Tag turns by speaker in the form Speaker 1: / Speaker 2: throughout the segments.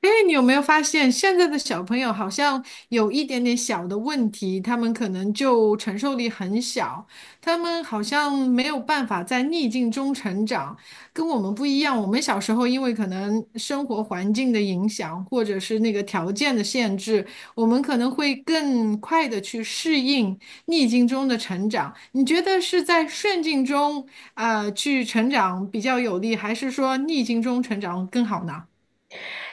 Speaker 1: 因为你有没有发现，现在的小朋友好像有一点点小的问题，他们可能就承受力很小，他们好像没有办法在逆境中成长，跟我们不一样。我们小时候因为可能生活环境的影响，或者是那个条件的限制，我们可能会更快的去适应逆境中的成长。你觉得是在顺境中去成长比较有利，还是说逆境中成长更好呢？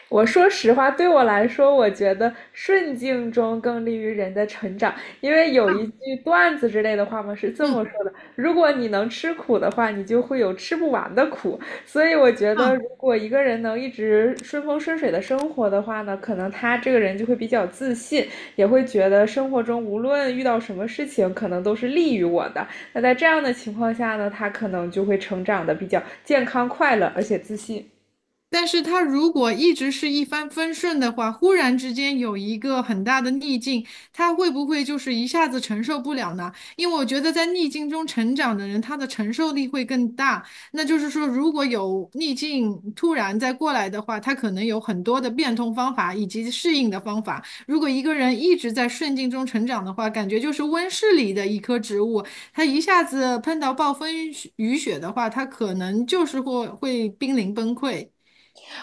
Speaker 2: 我说实话，对我来说，我觉得顺境中更利于人的成长，因为有
Speaker 1: 啊，
Speaker 2: 一句段子之类的话嘛，是这么
Speaker 1: 嗯。
Speaker 2: 说的：如果你能吃苦的话，你就会有吃不完的苦。所以我觉得，
Speaker 1: 啊，
Speaker 2: 如果一个人能一直顺风顺水的生活的话呢，可能他这个人就会比较自信，也会觉得生活中无论遇到什么事情，可能都是利于我的。那在这样的情况下呢，他可能就会成长的比较健康、快乐，而且自信。
Speaker 1: 但是他如果一直是一帆风顺的话，忽然之间有一个很大的逆境，他会不会就是一下子承受不了呢？因为我觉得在逆境中成长的人，他的承受力会更大。那就是说，如果有逆境突然再过来的话，他可能有很多的变通方法以及适应的方法。如果一个人一直在顺境中成长的话，感觉就是温室里的一棵植物，他一下子碰到暴风雨雪的话，他可能就是会濒临崩溃。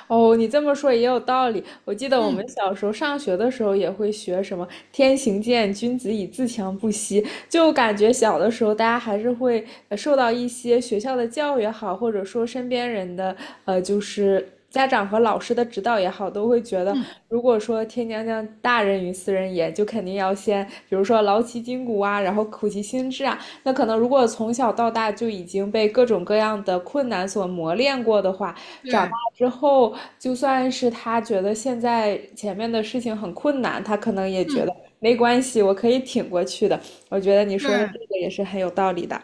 Speaker 2: 哦，你这么说也有道理。我记得我们
Speaker 1: 嗯
Speaker 2: 小时候上学的时候也会学什么“天行健，君子以自强不息”，就感觉小的时候大家还是会受到一些学校的教育也好，或者说身边人的就是家长和老师的指导也好，都会觉得
Speaker 1: 嗯，
Speaker 2: 如果说天将降大任于斯人也，就肯定要先比如说劳其筋骨啊，然后苦其心志啊。那可能如果从小到大就已经被各种各样的困难所磨练过的话，长。
Speaker 1: 对，
Speaker 2: 之后，就算是他觉得现在前面的事情很困难，他可能也觉
Speaker 1: 嗯
Speaker 2: 得没关系，我可以挺过去的。我觉得你说的这
Speaker 1: 对。
Speaker 2: 个也是很有道理的。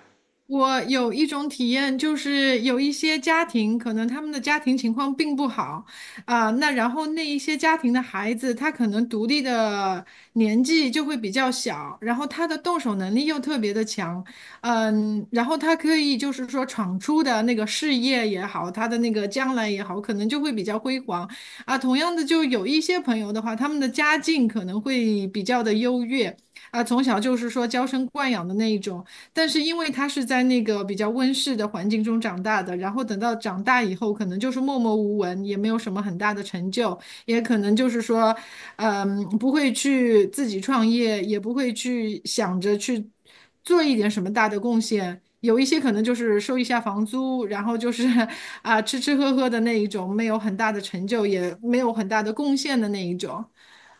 Speaker 1: 我有一种体验，就是有一些家庭，可能他们的家庭情况并不好，然后那一些家庭的孩子，他可能独立的年纪就会比较小，然后他的动手能力又特别的强，嗯，然后他可以就是说闯出的那个事业也好，他的那个将来也好，可能就会比较辉煌，啊，同样的，就有一些朋友的话，他们的家境可能会比较的优越，啊，从小就是说娇生惯养的那一种。但是因为他是在那个比较温室的环境中长大的，然后等到长大以后，可能就是默默无闻，也没有什么很大的成就，也可能就是说，嗯，不会去自己创业，也不会去想着去做一点什么大的贡献。有一些可能就是收一下房租，然后就是 啊吃吃喝喝的那一种，没有很大的成就，也没有很大的贡献的那一种。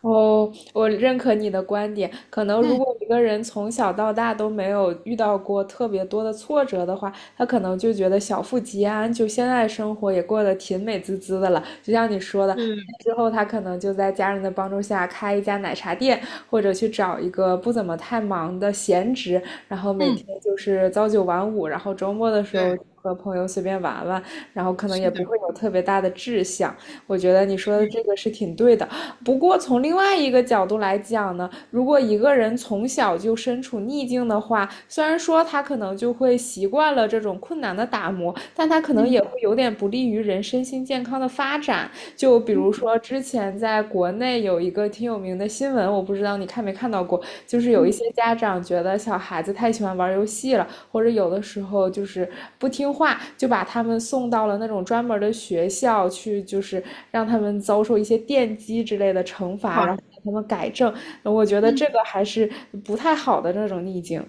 Speaker 2: 哦，我认可你的观点。可能如
Speaker 1: 嗯，
Speaker 2: 果一个人从小到大都没有遇到过特别多的挫折的话，他可能就觉得小富即安，就现在生活也过得挺美滋滋的了。就像你说的，
Speaker 1: 是，
Speaker 2: 之后他可能就在家人的帮助下开一家奶茶店，或者去找一个不怎么太忙的闲职，然后每天
Speaker 1: 嗯，
Speaker 2: 就是朝九晚五，然后周末的时候
Speaker 1: 对，
Speaker 2: 和朋友随便玩玩，然后可能
Speaker 1: 是
Speaker 2: 也
Speaker 1: 的，
Speaker 2: 不会有特别大的志向。我觉得你说的
Speaker 1: 是，
Speaker 2: 这个是挺对的。不过从另外一个角度来讲呢，如果一个人从小就身处逆境的话，虽然说他可能就会习惯了这种困难的打磨，但他可能也会
Speaker 1: 嗯
Speaker 2: 有点不利于人身心健康的发展。就比如
Speaker 1: 嗯
Speaker 2: 说之前在国内有一个挺有名的新闻，我不知道你看没看到过，就是有
Speaker 1: 嗯，
Speaker 2: 一
Speaker 1: 嗯
Speaker 2: 些家长觉得小孩子太喜欢玩游戏了，或者有的时候就是不听话，就把他们送到了那种专门的学校去，就是让他们遭受一些电击之类的惩罚，然
Speaker 1: 哇。
Speaker 2: 后让他们改正。我觉得这
Speaker 1: 嗯。
Speaker 2: 个还是不太好的那种逆境。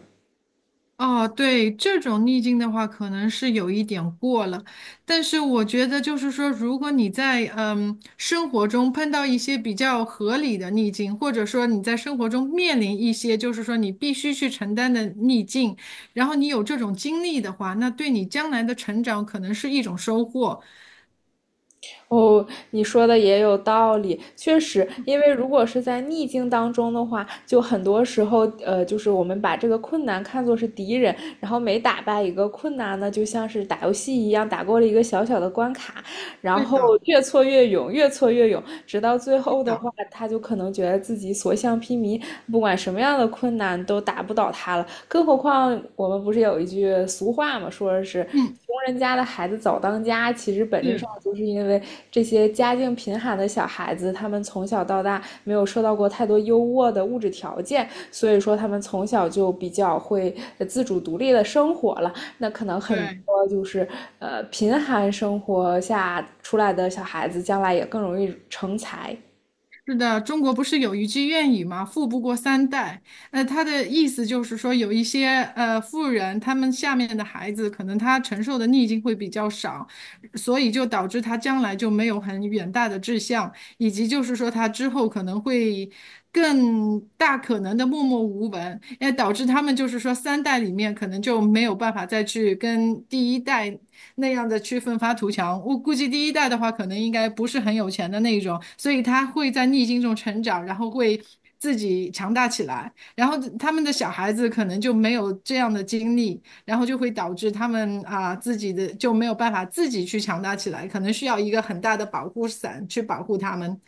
Speaker 1: 哦，对，这种逆境的话，可能是有一点过了，但是我觉得就是说，如果你在生活中碰到一些比较合理的逆境，或者说你在生活中面临一些就是说你必须去承担的逆境，然后你有这种经历的话，那对你将来的成长可能是一种收获。
Speaker 2: 哦，你说的也有道理，确实，因为如果是在逆境当中的话，就很多时候，就是我们把这个困难看作是敌人，然后每打败一个困难呢，就像是打游戏一样，打过了一个小小的关卡，然
Speaker 1: 对
Speaker 2: 后
Speaker 1: 的，
Speaker 2: 越挫越勇，越挫越勇，直到最
Speaker 1: 是
Speaker 2: 后的
Speaker 1: 的，
Speaker 2: 话，他就可能觉得自己所向披靡，不管什么样的困难都打不倒他了，更何况我们不是有一句俗话嘛，说是
Speaker 1: 嗯，
Speaker 2: 穷人家的孩子早当家，其实本质
Speaker 1: 是，
Speaker 2: 上就是因为这些家境贫寒的小孩子，他们从小到大没有受到过太多优渥的物质条件，所以说他们从小就比较会自主独立的生活了。那可能很
Speaker 1: 对。
Speaker 2: 多就是贫寒生活下出来的小孩子，将来也更容易成才。
Speaker 1: 是的，中国不是有一句谚语吗？“富不过三代”。他的意思就是说，有一些富人，他们下面的孩子，可能他承受的逆境会比较少，所以就导致他将来就没有很远大的志向，以及就是说他之后可能会更大可能的默默无闻，也导致他们就是说三代里面可能就没有办法再去跟第一代。那样的去奋发图强。我估计第一代的话，可能应该不是很有钱的那一种，所以他会在逆境中成长，然后会自己强大起来。然后他们的小孩子可能就没有这样的经历，然后就会导致他们自己的就没有办法自己去强大起来，可能需要一个很大的保护伞去保护他们。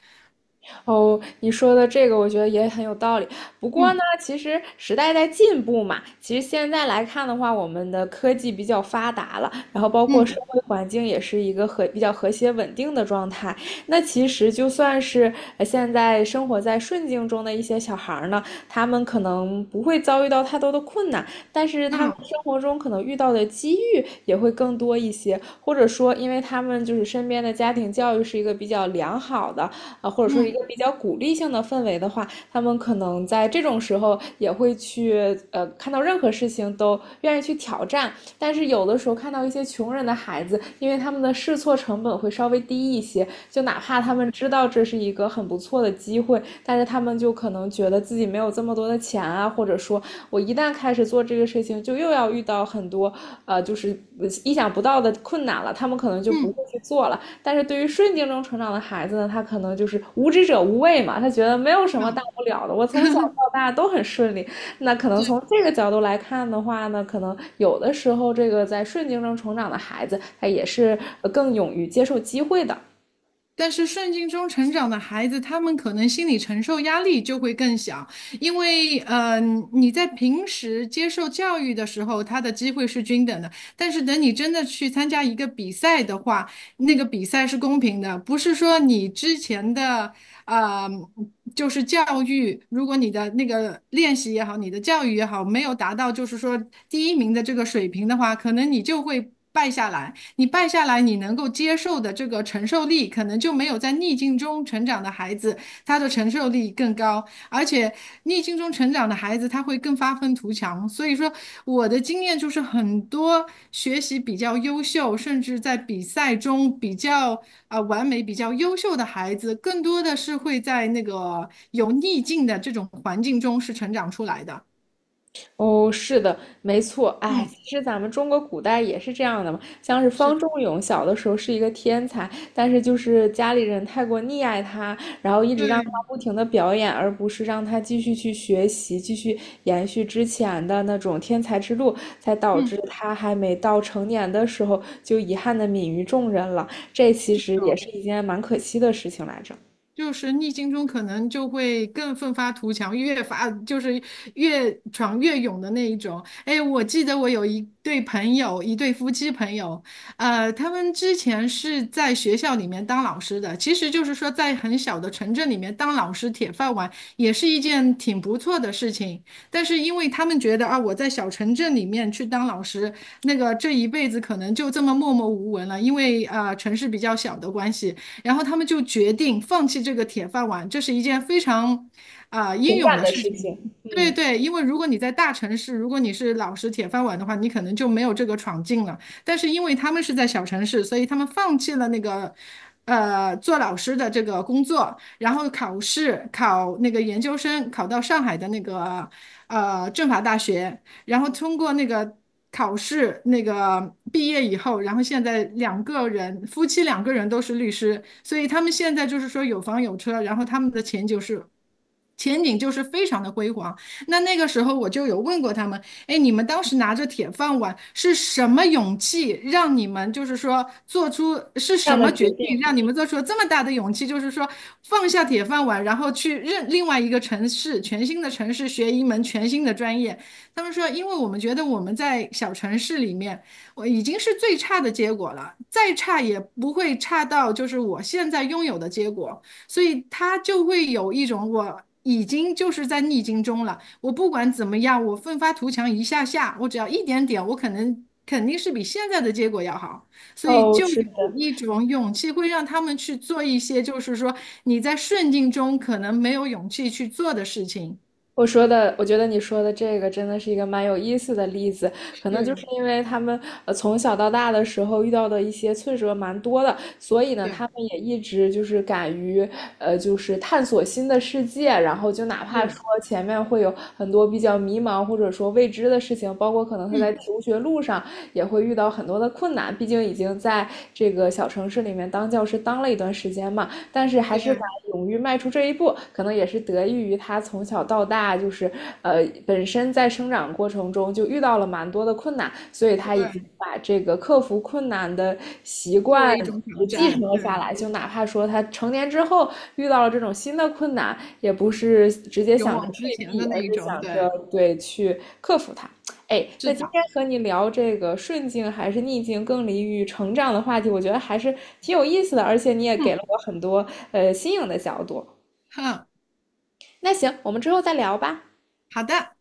Speaker 2: 哦，你说的这个我觉得也很有道理。不过呢，
Speaker 1: 嗯
Speaker 2: 其实时代在进步嘛，其实现在来看的话，我们的科技比较发达了，然后包括
Speaker 1: 嗯
Speaker 2: 社会环境也是一个和比较和谐稳定的状态。那其实就算是现在生活在顺境中的一些小孩儿呢，他们可能不会遭遇到太多的困难，但是他们
Speaker 1: 嗯
Speaker 2: 生活中可能遇到的机遇也会更多一些，或者说，因为他们就是身边的家庭教育是一个比较良好的，啊，或者说是一
Speaker 1: 嗯
Speaker 2: 个比较鼓励性的氛围的话，他们可能在这种时候也会去看到任何事情都愿意去挑战。但是有的时候看到一些穷人的孩子，因为他们的试错成本会稍微低一些，就哪怕他们知道这是一个很不错的机会，但是他们就可能觉得自己没有这么多的钱啊，或者说我一旦开始做这个事情，就又要遇到很多就是意想不到的困难了，他们可能就不
Speaker 1: 嗯
Speaker 2: 会
Speaker 1: 嗯，
Speaker 2: 去做了。但是对于顺境中成长的孩子呢，他可能就是无知者无畏嘛，他觉得没有什么大
Speaker 1: 嗯
Speaker 2: 不了的，我从小到大都很顺利。那可能从这个角度来看的话呢，可能有的时候这个在顺境中成长的孩子，他也是更勇于接受机会的。
Speaker 1: 但是顺境中成长的孩子，他们可能心理承受压力就会更小，因为，你在平时接受教育的时候，他的机会是均等的，但是等你真的去参加一个比赛的话，那个比赛是公平的，不是说你之前的，呃，就是教育，如果你的那个练习也好，你的教育也好，没有达到就是说第一名的这个水平的话，可能你就会败下来。你败下来，你能够接受的这个承受力，可能就没有在逆境中成长的孩子，他的承受力更高。而且逆境中成长的孩子，他会更发愤图强。所以说，我的经验就是，很多学习比较优秀，甚至在比赛中比较完美、比较优秀的孩子，更多的是会在那个有逆境的这种环境中是成长出来的。
Speaker 2: 哦，是的，没错。哎，
Speaker 1: 嗯，
Speaker 2: 其实咱们中国古代也是这样的嘛，像是
Speaker 1: 是，
Speaker 2: 方仲永小的时候是一个天才，但是就是家里人太过溺爱他，然后一直让他
Speaker 1: 对，
Speaker 2: 不停的表演，而不是让他继续去学习，继续延续之前的那种天才之路，才导致
Speaker 1: 嗯，
Speaker 2: 他还没到成年的时候就遗憾的泯于众人了。这其
Speaker 1: 是
Speaker 2: 实也
Speaker 1: 的。
Speaker 2: 是一件蛮可惜的事情来着，
Speaker 1: 就是逆境中可能就会更奋发图强，越发就是越闯越勇的那一种。哎，我记得我有一对朋友，一对夫妻朋友，他们之前是在学校里面当老师的，其实就是说在很小的城镇里面当老师铁饭碗也是一件挺不错的事情。但是因为他们觉得啊，我在小城镇里面去当老师，那个这一辈子可能就这么默默无闻了，因为城市比较小的关系。然后他们就决定放弃这个铁饭碗，这是一件非常英
Speaker 2: 情
Speaker 1: 勇
Speaker 2: 感
Speaker 1: 的
Speaker 2: 的
Speaker 1: 事
Speaker 2: 事
Speaker 1: 情。
Speaker 2: 情，
Speaker 1: 对
Speaker 2: 嗯，
Speaker 1: 对，因为如果你在大城市，如果你是老实铁饭碗的话，你可能就没有这个闯劲了。但是因为他们是在小城市，所以他们放弃了那个，做老师的这个工作，然后考试考那个研究生，考到上海的那个政法大学，然后通过那个考试，那个毕业以后，然后现在两个人，夫妻两个人都是律师，所以他们现在就是说有房有车，然后他们的前景是。前景就是非常的辉煌。那那个时候我就有问过他们，哎，你们当时拿着铁饭碗是什么勇气让你们就是说做出是
Speaker 2: 这
Speaker 1: 什
Speaker 2: 样的
Speaker 1: 么决
Speaker 2: 决定。
Speaker 1: 定让你们做出了这么大的勇气，就是说放下铁饭碗，然后去任另外一个城市，全新的城市学一门全新的专业。他们说，因为我们觉得我们在小城市里面，我已经是最差的结果了，再差也不会差到就是我现在拥有的结果，所以他就会有一种我已经就是在逆境中了，我不管怎么样，我奋发图强一下下，我只要一点点，我可能肯定是比现在的结果要好，所以
Speaker 2: 哦，
Speaker 1: 就
Speaker 2: 是。
Speaker 1: 有一种勇气会让他们去做一些就是说你在顺境中可能没有勇气去做的事情。
Speaker 2: 我说的，我觉得你说的这个真的是一个蛮有意思的例子，可能
Speaker 1: 对，
Speaker 2: 就是因为他们从小到大的时候遇到的一些挫折蛮多的，所以呢，
Speaker 1: 对，
Speaker 2: 他们也一直就是敢于就是探索新的世界，然后就哪怕
Speaker 1: 是，
Speaker 2: 说前面会有很多比较迷茫或者说未知的事情，包括可能他在
Speaker 1: 嗯。
Speaker 2: 求学路上也会遇到很多的困难，毕竟已经在这个小城市里面当教师当了一段时间嘛，但是还是
Speaker 1: 对
Speaker 2: 敢勇于迈出这一步，可能也是得益于他从小到大就是本身在生长过程中就遇到了蛮多的困难，所以他已
Speaker 1: 对，
Speaker 2: 经把这个克服困难的习
Speaker 1: 作
Speaker 2: 惯。
Speaker 1: 为一种挑
Speaker 2: 继承
Speaker 1: 战，
Speaker 2: 了下
Speaker 1: 对，
Speaker 2: 来，就哪怕说他成年之后遇到了这种新的困难，也不是直接
Speaker 1: 勇
Speaker 2: 想着
Speaker 1: 往直
Speaker 2: 退
Speaker 1: 前
Speaker 2: 避，
Speaker 1: 的那
Speaker 2: 而是
Speaker 1: 一种，
Speaker 2: 想着
Speaker 1: 对，
Speaker 2: 对去克服它。哎，
Speaker 1: 是
Speaker 2: 那今
Speaker 1: 的，
Speaker 2: 天和你聊这个顺境还是逆境更利于成长的话题，我觉得还是挺有意思的，而且你也给
Speaker 1: 嗯
Speaker 2: 了我很多新颖的角度。
Speaker 1: 哼，
Speaker 2: 那行，我们之后再聊吧。
Speaker 1: 好的。